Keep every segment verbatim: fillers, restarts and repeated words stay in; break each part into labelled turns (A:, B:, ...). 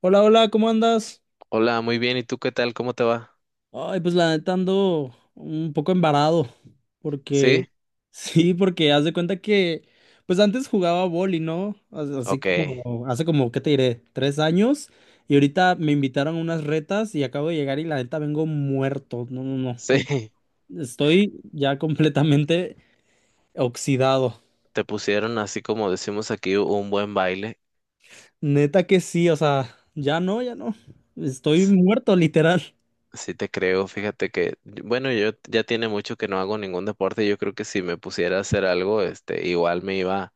A: Hola, hola, ¿cómo andas?
B: Hola, muy bien. ¿Y tú qué tal? ¿Cómo te va?
A: Ay, pues la neta ando un poco embarado, porque
B: ¿Sí?
A: sí, porque haz de cuenta que, pues antes jugaba boli, ¿no? As- Así
B: Ok.
A: como, hace como, ¿qué te diré? Tres años, y ahorita me invitaron a unas retas y acabo de llegar y la neta vengo muerto, no, no, no,
B: Sí.
A: estoy ya completamente oxidado,
B: Te pusieron así como decimos aquí un buen baile.
A: neta que sí, o sea, ya no, ya no, estoy
B: S-
A: muerto, literal.
B: Sí te creo. Fíjate que, bueno, yo ya tiene mucho que no hago ningún deporte. Yo creo que si me pusiera a hacer algo, este, igual me iba,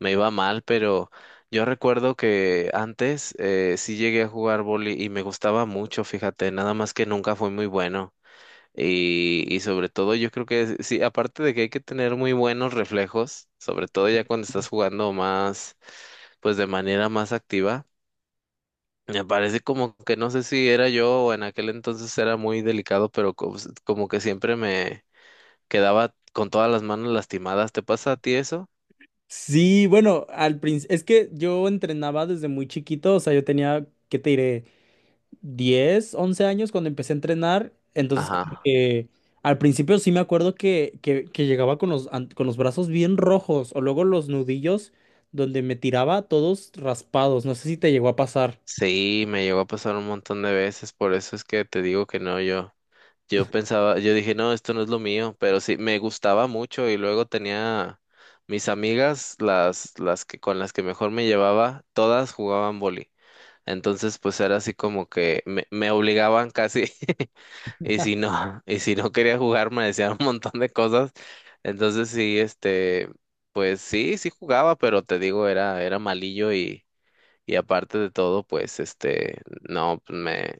B: me iba mal, pero yo recuerdo que antes eh, sí llegué a jugar vóley y me gustaba mucho, fíjate, nada más que nunca fui muy bueno. Y, y sobre todo yo creo que sí, aparte de que hay que tener muy buenos reflejos, sobre todo ya cuando estás jugando más, pues de manera más activa. Me parece como que no sé si era yo o en aquel entonces era muy delicado, pero co- pues, como, que siempre me quedaba con todas las manos lastimadas. ¿Te pasa a ti eso?
A: Sí, bueno, al principio, es que yo entrenaba desde muy chiquito, o sea, yo tenía, ¿qué te diré? Diez, once años cuando empecé a entrenar, entonces como
B: Ajá.
A: que al principio sí me acuerdo que, que, que llegaba con los, an- con los brazos bien rojos o luego los nudillos donde me tiraba todos raspados, no sé si te llegó a pasar.
B: Sí, me llegó a pasar un montón de veces, por eso es que te digo que no, yo. Yo pensaba, yo dije, no, esto no es lo mío, pero sí, me gustaba mucho y luego tenía mis amigas, las, las que con las que mejor me llevaba, todas jugaban vóley. Entonces, pues era así como que me, me obligaban casi, y si no, y si no quería jugar, me decían un montón de cosas. Entonces sí, este, pues sí, sí jugaba, pero te digo, era, era malillo y y aparte de todo, pues, este, no, pues, me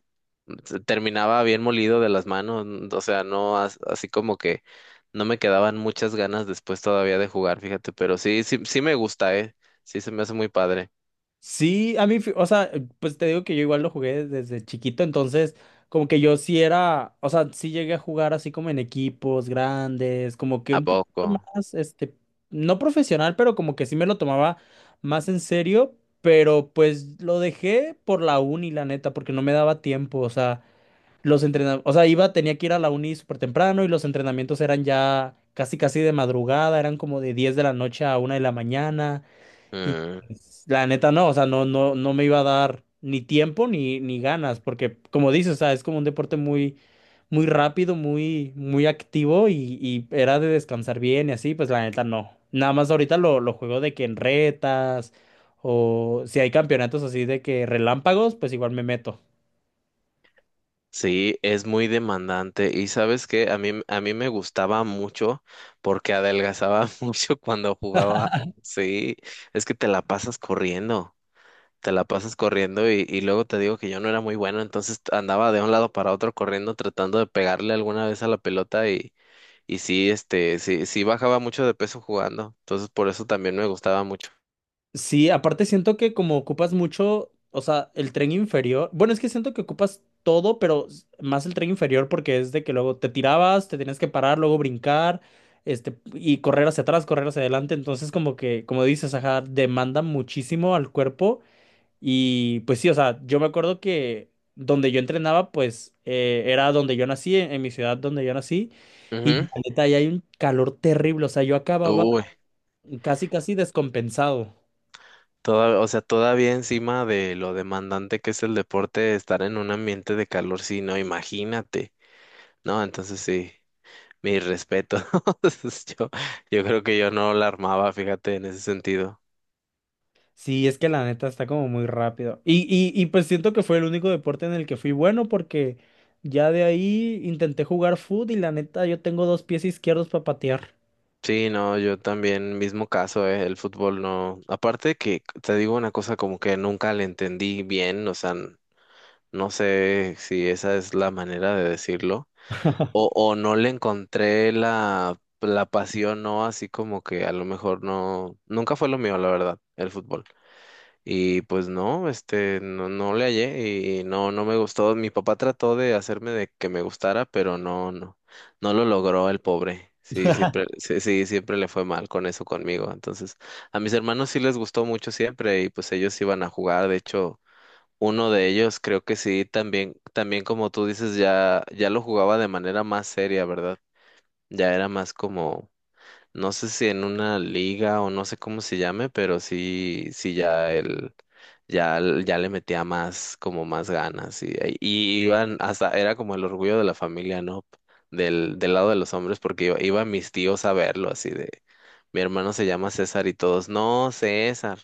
B: se- terminaba bien molido de las manos, n- o sea, no, as- así como que no me quedaban muchas ganas después todavía de jugar, fíjate, pero sí, sí, sí me gusta, ¿eh? Sí, se me hace muy padre.
A: Sí, a mí, fi- o sea, pues te digo que yo igual lo jugué desde chiquito, entonces como que yo sí era, o sea, sí llegué a jugar así como en equipos grandes, como que
B: ¿A
A: un
B: poco?
A: poquito más, este, no profesional, pero como que sí me lo tomaba más en serio, pero pues lo dejé por la uni, la neta, porque no me daba tiempo, o sea, los entrenamientos, o sea, iba, tenía que ir a la uni súper temprano y los entrenamientos eran ya casi casi de madrugada, eran como de diez de la noche a una de la mañana. Y
B: Mm,
A: la neta no, o sea, no, no, no me iba a dar ni tiempo ni, ni ganas, porque como dices, o sea, es como un deporte muy, muy rápido, muy, muy activo y, y era de descansar bien y así, pues la neta no. Nada más ahorita lo, lo juego de que en retas o si hay campeonatos así de que relámpagos, pues igual me meto.
B: sí, es muy demandante y sabes que a mí, a mí me gustaba mucho porque adelgazaba mucho cuando jugaba. Sí, es que te la pasas corriendo. Te la pasas corriendo y, y luego te digo que yo no era muy bueno, entonces t- andaba de un lado para otro corriendo tratando de pegarle alguna vez a la pelota y, y sí, este, sí, sí bajaba mucho de peso jugando, entonces por eso también me gustaba mucho.
A: Sí, aparte siento que como ocupas mucho, o sea, el tren inferior, bueno, es que siento que ocupas todo, pero s- más el tren inferior porque es de que luego te tirabas, te tenías que parar, luego brincar, este, y correr hacia atrás, correr hacia adelante, entonces como que, como dices, ajá, demanda muchísimo al cuerpo y pues sí, o sea, yo me acuerdo que donde yo entrenaba, pues eh, era donde yo nací, en, en mi ciudad donde yo nací, y la
B: Ujú.
A: neta, ahí hay un calor terrible, o sea, yo acababa
B: Uy,
A: casi, casi descompensado.
B: toda, o sea, todavía encima de lo demandante que es el deporte, estar en un ambiente de calor, sí, no, imagínate, ¿no? Entonces sí, mi respeto. Yo, yo creo que yo no la armaba, fíjate, en ese sentido.
A: Sí, es que la neta está como muy rápido. Y, y, y pues siento que fue el único deporte en el que fui bueno porque ya de ahí intenté jugar fútbol y la neta yo tengo dos pies izquierdos para patear.
B: Sí, no, yo también, mismo caso, eh, el fútbol no. Aparte que te digo una cosa como que nunca le entendí bien, o sea, n- no sé si esa es la manera de decirlo, o, o no le encontré la, la pasión, no, así como que a lo mejor no, nunca fue lo mío, la verdad, el fútbol. Y pues no, este, no, no le hallé y no, no me gustó. Mi papá trató de hacerme de que me gustara, pero no, no, no lo logró el pobre. Sí, siempre, sí, sí, siempre le fue mal con eso conmigo. Entonces, a mis hermanos sí les gustó mucho siempre y pues ellos iban a jugar. De hecho, uno de ellos creo que sí, también, también como tú dices, ya, ya lo jugaba de manera más seria, ¿verdad? Ya era más como no sé si en una liga o no sé cómo se llame, pero sí, sí ya él, ya, l- ya le metía más, como más ganas y, y iban hasta, era como el orgullo de la familia, ¿no? Del, del lado de los hombres, porque iba, iban mis tíos a verlo, así de, mi hermano se llama César y todos, no, César,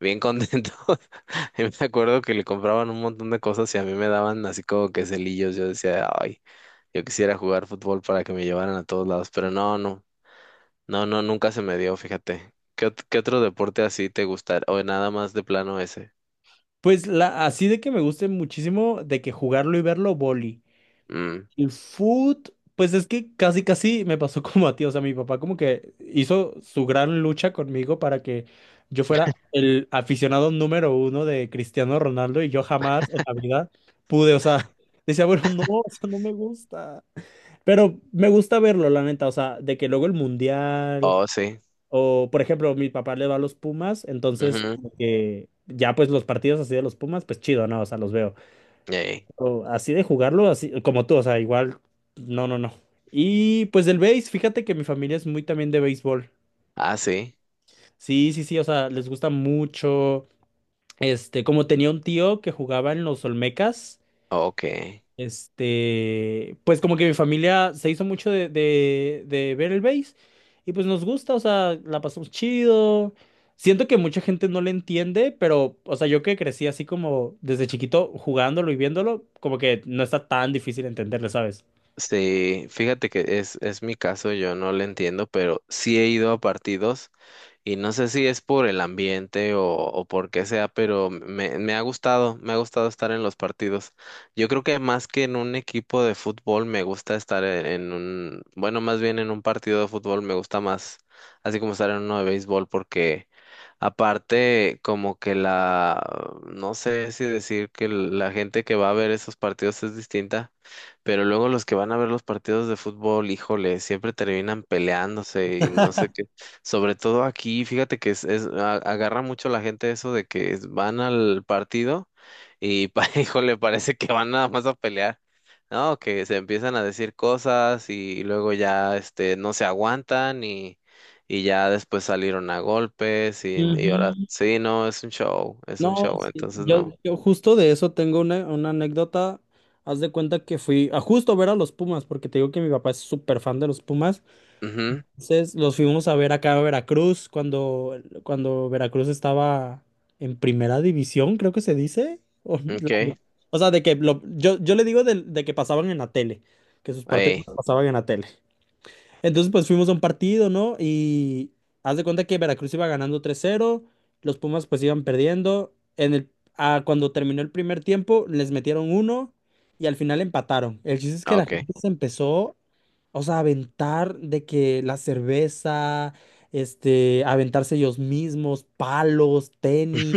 B: bien contentos. Y me acuerdo que le compraban un montón de cosas y a mí me daban así como que celillos, yo decía, ay. Yo quisiera jugar fútbol para que me llevaran a todos lados, pero no, no. No, no, nunca se me dio, fíjate. ¿Qué, ot- qué otro deporte así te gustaría? O nada más de plano ese.
A: Pues la, así de que me guste muchísimo de que jugarlo y verlo, vóley.
B: Mm.
A: El food, pues es que casi casi me pasó como a ti, o sea, mi papá como que hizo su gran lucha conmigo para que yo fuera el aficionado número uno de Cristiano Ronaldo y yo jamás en la vida pude, o sea, decía, bueno, no, o sea, no me gusta, pero me gusta verlo, la neta, o sea, de que luego el mundial,
B: Oh, sí.
A: o por ejemplo, mi papá le va a los Pumas, entonces
B: Ujú.
A: como que ya pues los partidos así de los Pumas, pues chido, ¿no? O sea, los veo.
B: Ey.
A: O así de jugarlo, así como tú, o sea, igual, no, no, no. Y pues del béis, fíjate que mi familia es muy también de béisbol.
B: Ah, sí.
A: Sí, sí, sí, o sea, les gusta mucho. Este, como tenía un tío que jugaba en los Olmecas,
B: Ok.
A: este, pues como que mi familia se hizo mucho de, de, de ver el béis y pues nos gusta, o sea, la pasamos chido. Siento que mucha gente no le entiende, pero, o sea, yo que crecí así como desde chiquito jugándolo y viéndolo, como que no está tan difícil entenderle, ¿sabes?
B: Sí, fíjate que es, es mi caso, yo no lo entiendo, pero sí he ido a partidos y no sé si es por el ambiente o, o por qué sea, pero me, me ha gustado, me ha gustado estar en los partidos. Yo creo que más que en un equipo de fútbol, me gusta estar en, en un, bueno, más bien en un partido de fútbol, me gusta más, así como estar en uno de béisbol. Porque aparte, como que la, no sé si decir que la gente que va a ver esos partidos es distinta, pero luego los que van a ver los partidos de fútbol, híjole, siempre terminan peleándose y no sé qué. Sobre todo aquí, fíjate que es, es- a- agarra mucho la gente eso de que es- van al partido y, pa- híjole, parece que van nada más a pelear. No, que se empiezan a decir cosas y luego ya, este, no se aguantan y ya después salieron a golpes y, y ahora
A: Ujú.
B: sí, no, es un show, es un
A: No,
B: show,
A: sí,
B: entonces
A: yo,
B: no.
A: yo justo de eso tengo una, una anécdota. Haz de cuenta que fui a justo ver a los Pumas, porque te digo que mi papá es súper fan de los Pumas.
B: Ujú,
A: Entonces los fuimos a ver acá a Veracruz cuando, cuando Veracruz estaba en primera división, creo que se dice. O, la-
B: ok,
A: o sea, de que lo- yo, yo le digo de, de que pasaban en la tele, que sus partidos
B: ahí,
A: los pasaban en la tele. Entonces, pues fuimos a un partido, ¿no? Y haz de cuenta que Veracruz iba ganando tres cero, los Pumas pues iban perdiendo. En el, ah, cuando terminó el primer tiempo, les metieron uno y al final empataron. El chiste es que la
B: ok.
A: gente se empezó, o sea, a aventar de que la cerveza, este, aventarse ellos mismos, palos, tenis.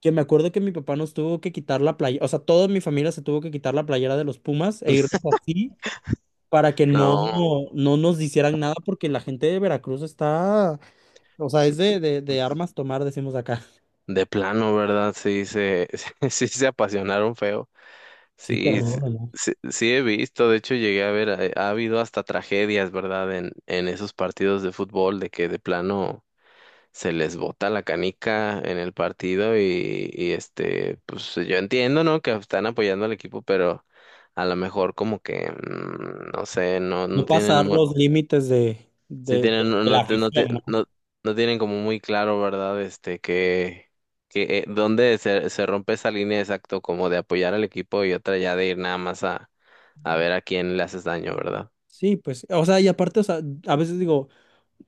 A: Que me acuerdo que mi papá nos tuvo que quitar la playa, o sea, toda mi familia se tuvo que quitar la playera de los Pumas e irnos así para que no,
B: No,
A: no nos hicieran nada, porque la gente de Veracruz está, o sea, es de, de, de armas tomar, decimos acá.
B: de plano, ¿verdad? Sí, se, sí se apasionaron feo.
A: Sí,
B: Sí, sí,
A: terrible, ¿no?
B: sí, sí he visto, de hecho llegué a ver, eh, ha habido hasta tragedias, ¿verdad? En, en esos partidos de fútbol de que de plano se les bota la canica en el partido y, y este, pues yo entiendo, ¿no? Que están apoyando al equipo, pero a lo mejor como que, mm, no sé, no, no
A: No
B: tienen
A: pasar
B: muy,
A: los límites de,
B: sí
A: de, de-
B: tienen, no,
A: de la
B: no, te- no, te-
A: afición,
B: no,
A: ¿no?
B: no tienen como muy claro, ¿verdad? Este, que, que eh, dónde se, se rompe esa línea, exacto, como de apoyar al equipo y otra ya de ir nada más a, a ver a quién le haces daño, ¿verdad?
A: Sí, pues, o sea, y aparte, o sea, a veces digo,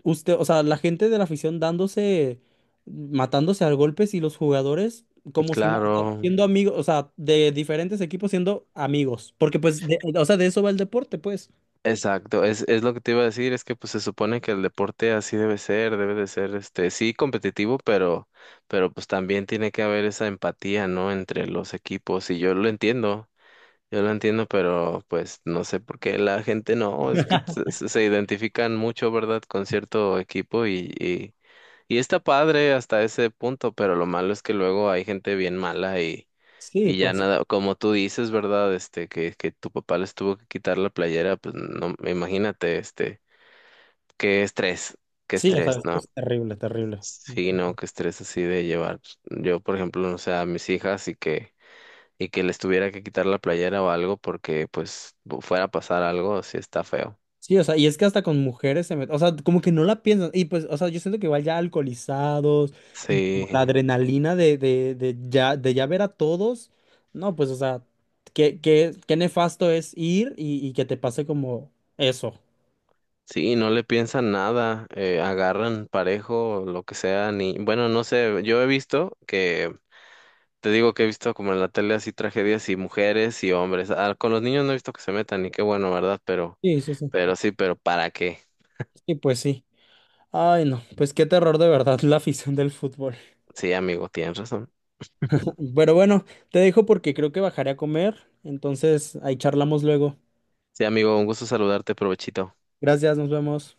A: usted, o sea, la gente de la afición dándose, matándose a golpes y los jugadores como si no, o sea,
B: Claro,
A: siendo amigos, o sea, de diferentes equipos siendo amigos, porque pues, de- o sea, de eso va el deporte, pues.
B: exacto, es, es lo que te iba a decir, es que pues se supone que el deporte así debe ser, debe de ser, este, sí competitivo, pero, pero pues también tiene que haber esa empatía, ¿no? Entre los equipos, y yo lo entiendo, yo lo entiendo, pero pues no sé por qué la gente no, es que se, se- se identifican mucho, ¿verdad? Con cierto equipo y, y, y está padre hasta ese punto, pero lo malo es que luego hay gente bien mala
A: Sí,
B: y ya
A: pues,
B: nada, como tú dices, ¿verdad? Este, que, que tu papá les tuvo que quitar la playera, pues no, imagínate, este, qué estrés, qué
A: sí, o sea,
B: estrés,
A: esto
B: ¿no?
A: es terrible, terrible.
B: Sí, no, qué estrés así de llevar, pues. Yo, por ejemplo, no sé, a mis hijas y que, y que les tuviera que quitar la playera o algo porque, pues, bu- fuera a pasar algo, sí está feo.
A: Sí, o sea, y es que hasta con mujeres se meten, o sea, como que no la piensan, y pues, o sea, yo siento que igual ya alcoholizados y como la
B: Sí,
A: adrenalina de, de, de ya, de ya ver a todos, no, pues, o sea, qué, qué, qué nefasto es ir y, y que te pase como eso.
B: sí, no le piensan nada, eh, agarran parejo, lo que sea, ni, bueno, no sé, yo he visto que te digo que he visto como en la tele así tragedias y mujeres y hombres. Ah, con los niños no he visto que se metan y qué bueno, ¿verdad? Pero,
A: Sí, sí, sí.
B: pero sí, pero ¿para qué?
A: Sí, pues sí. Ay, no, pues qué terror de verdad la afición del fútbol.
B: Sí, amigo, tienes razón.
A: Pero bueno, te dejo porque creo que bajaré a comer, entonces ahí charlamos luego.
B: Sí, amigo, un gusto saludarte, provechito.
A: Gracias, nos vemos.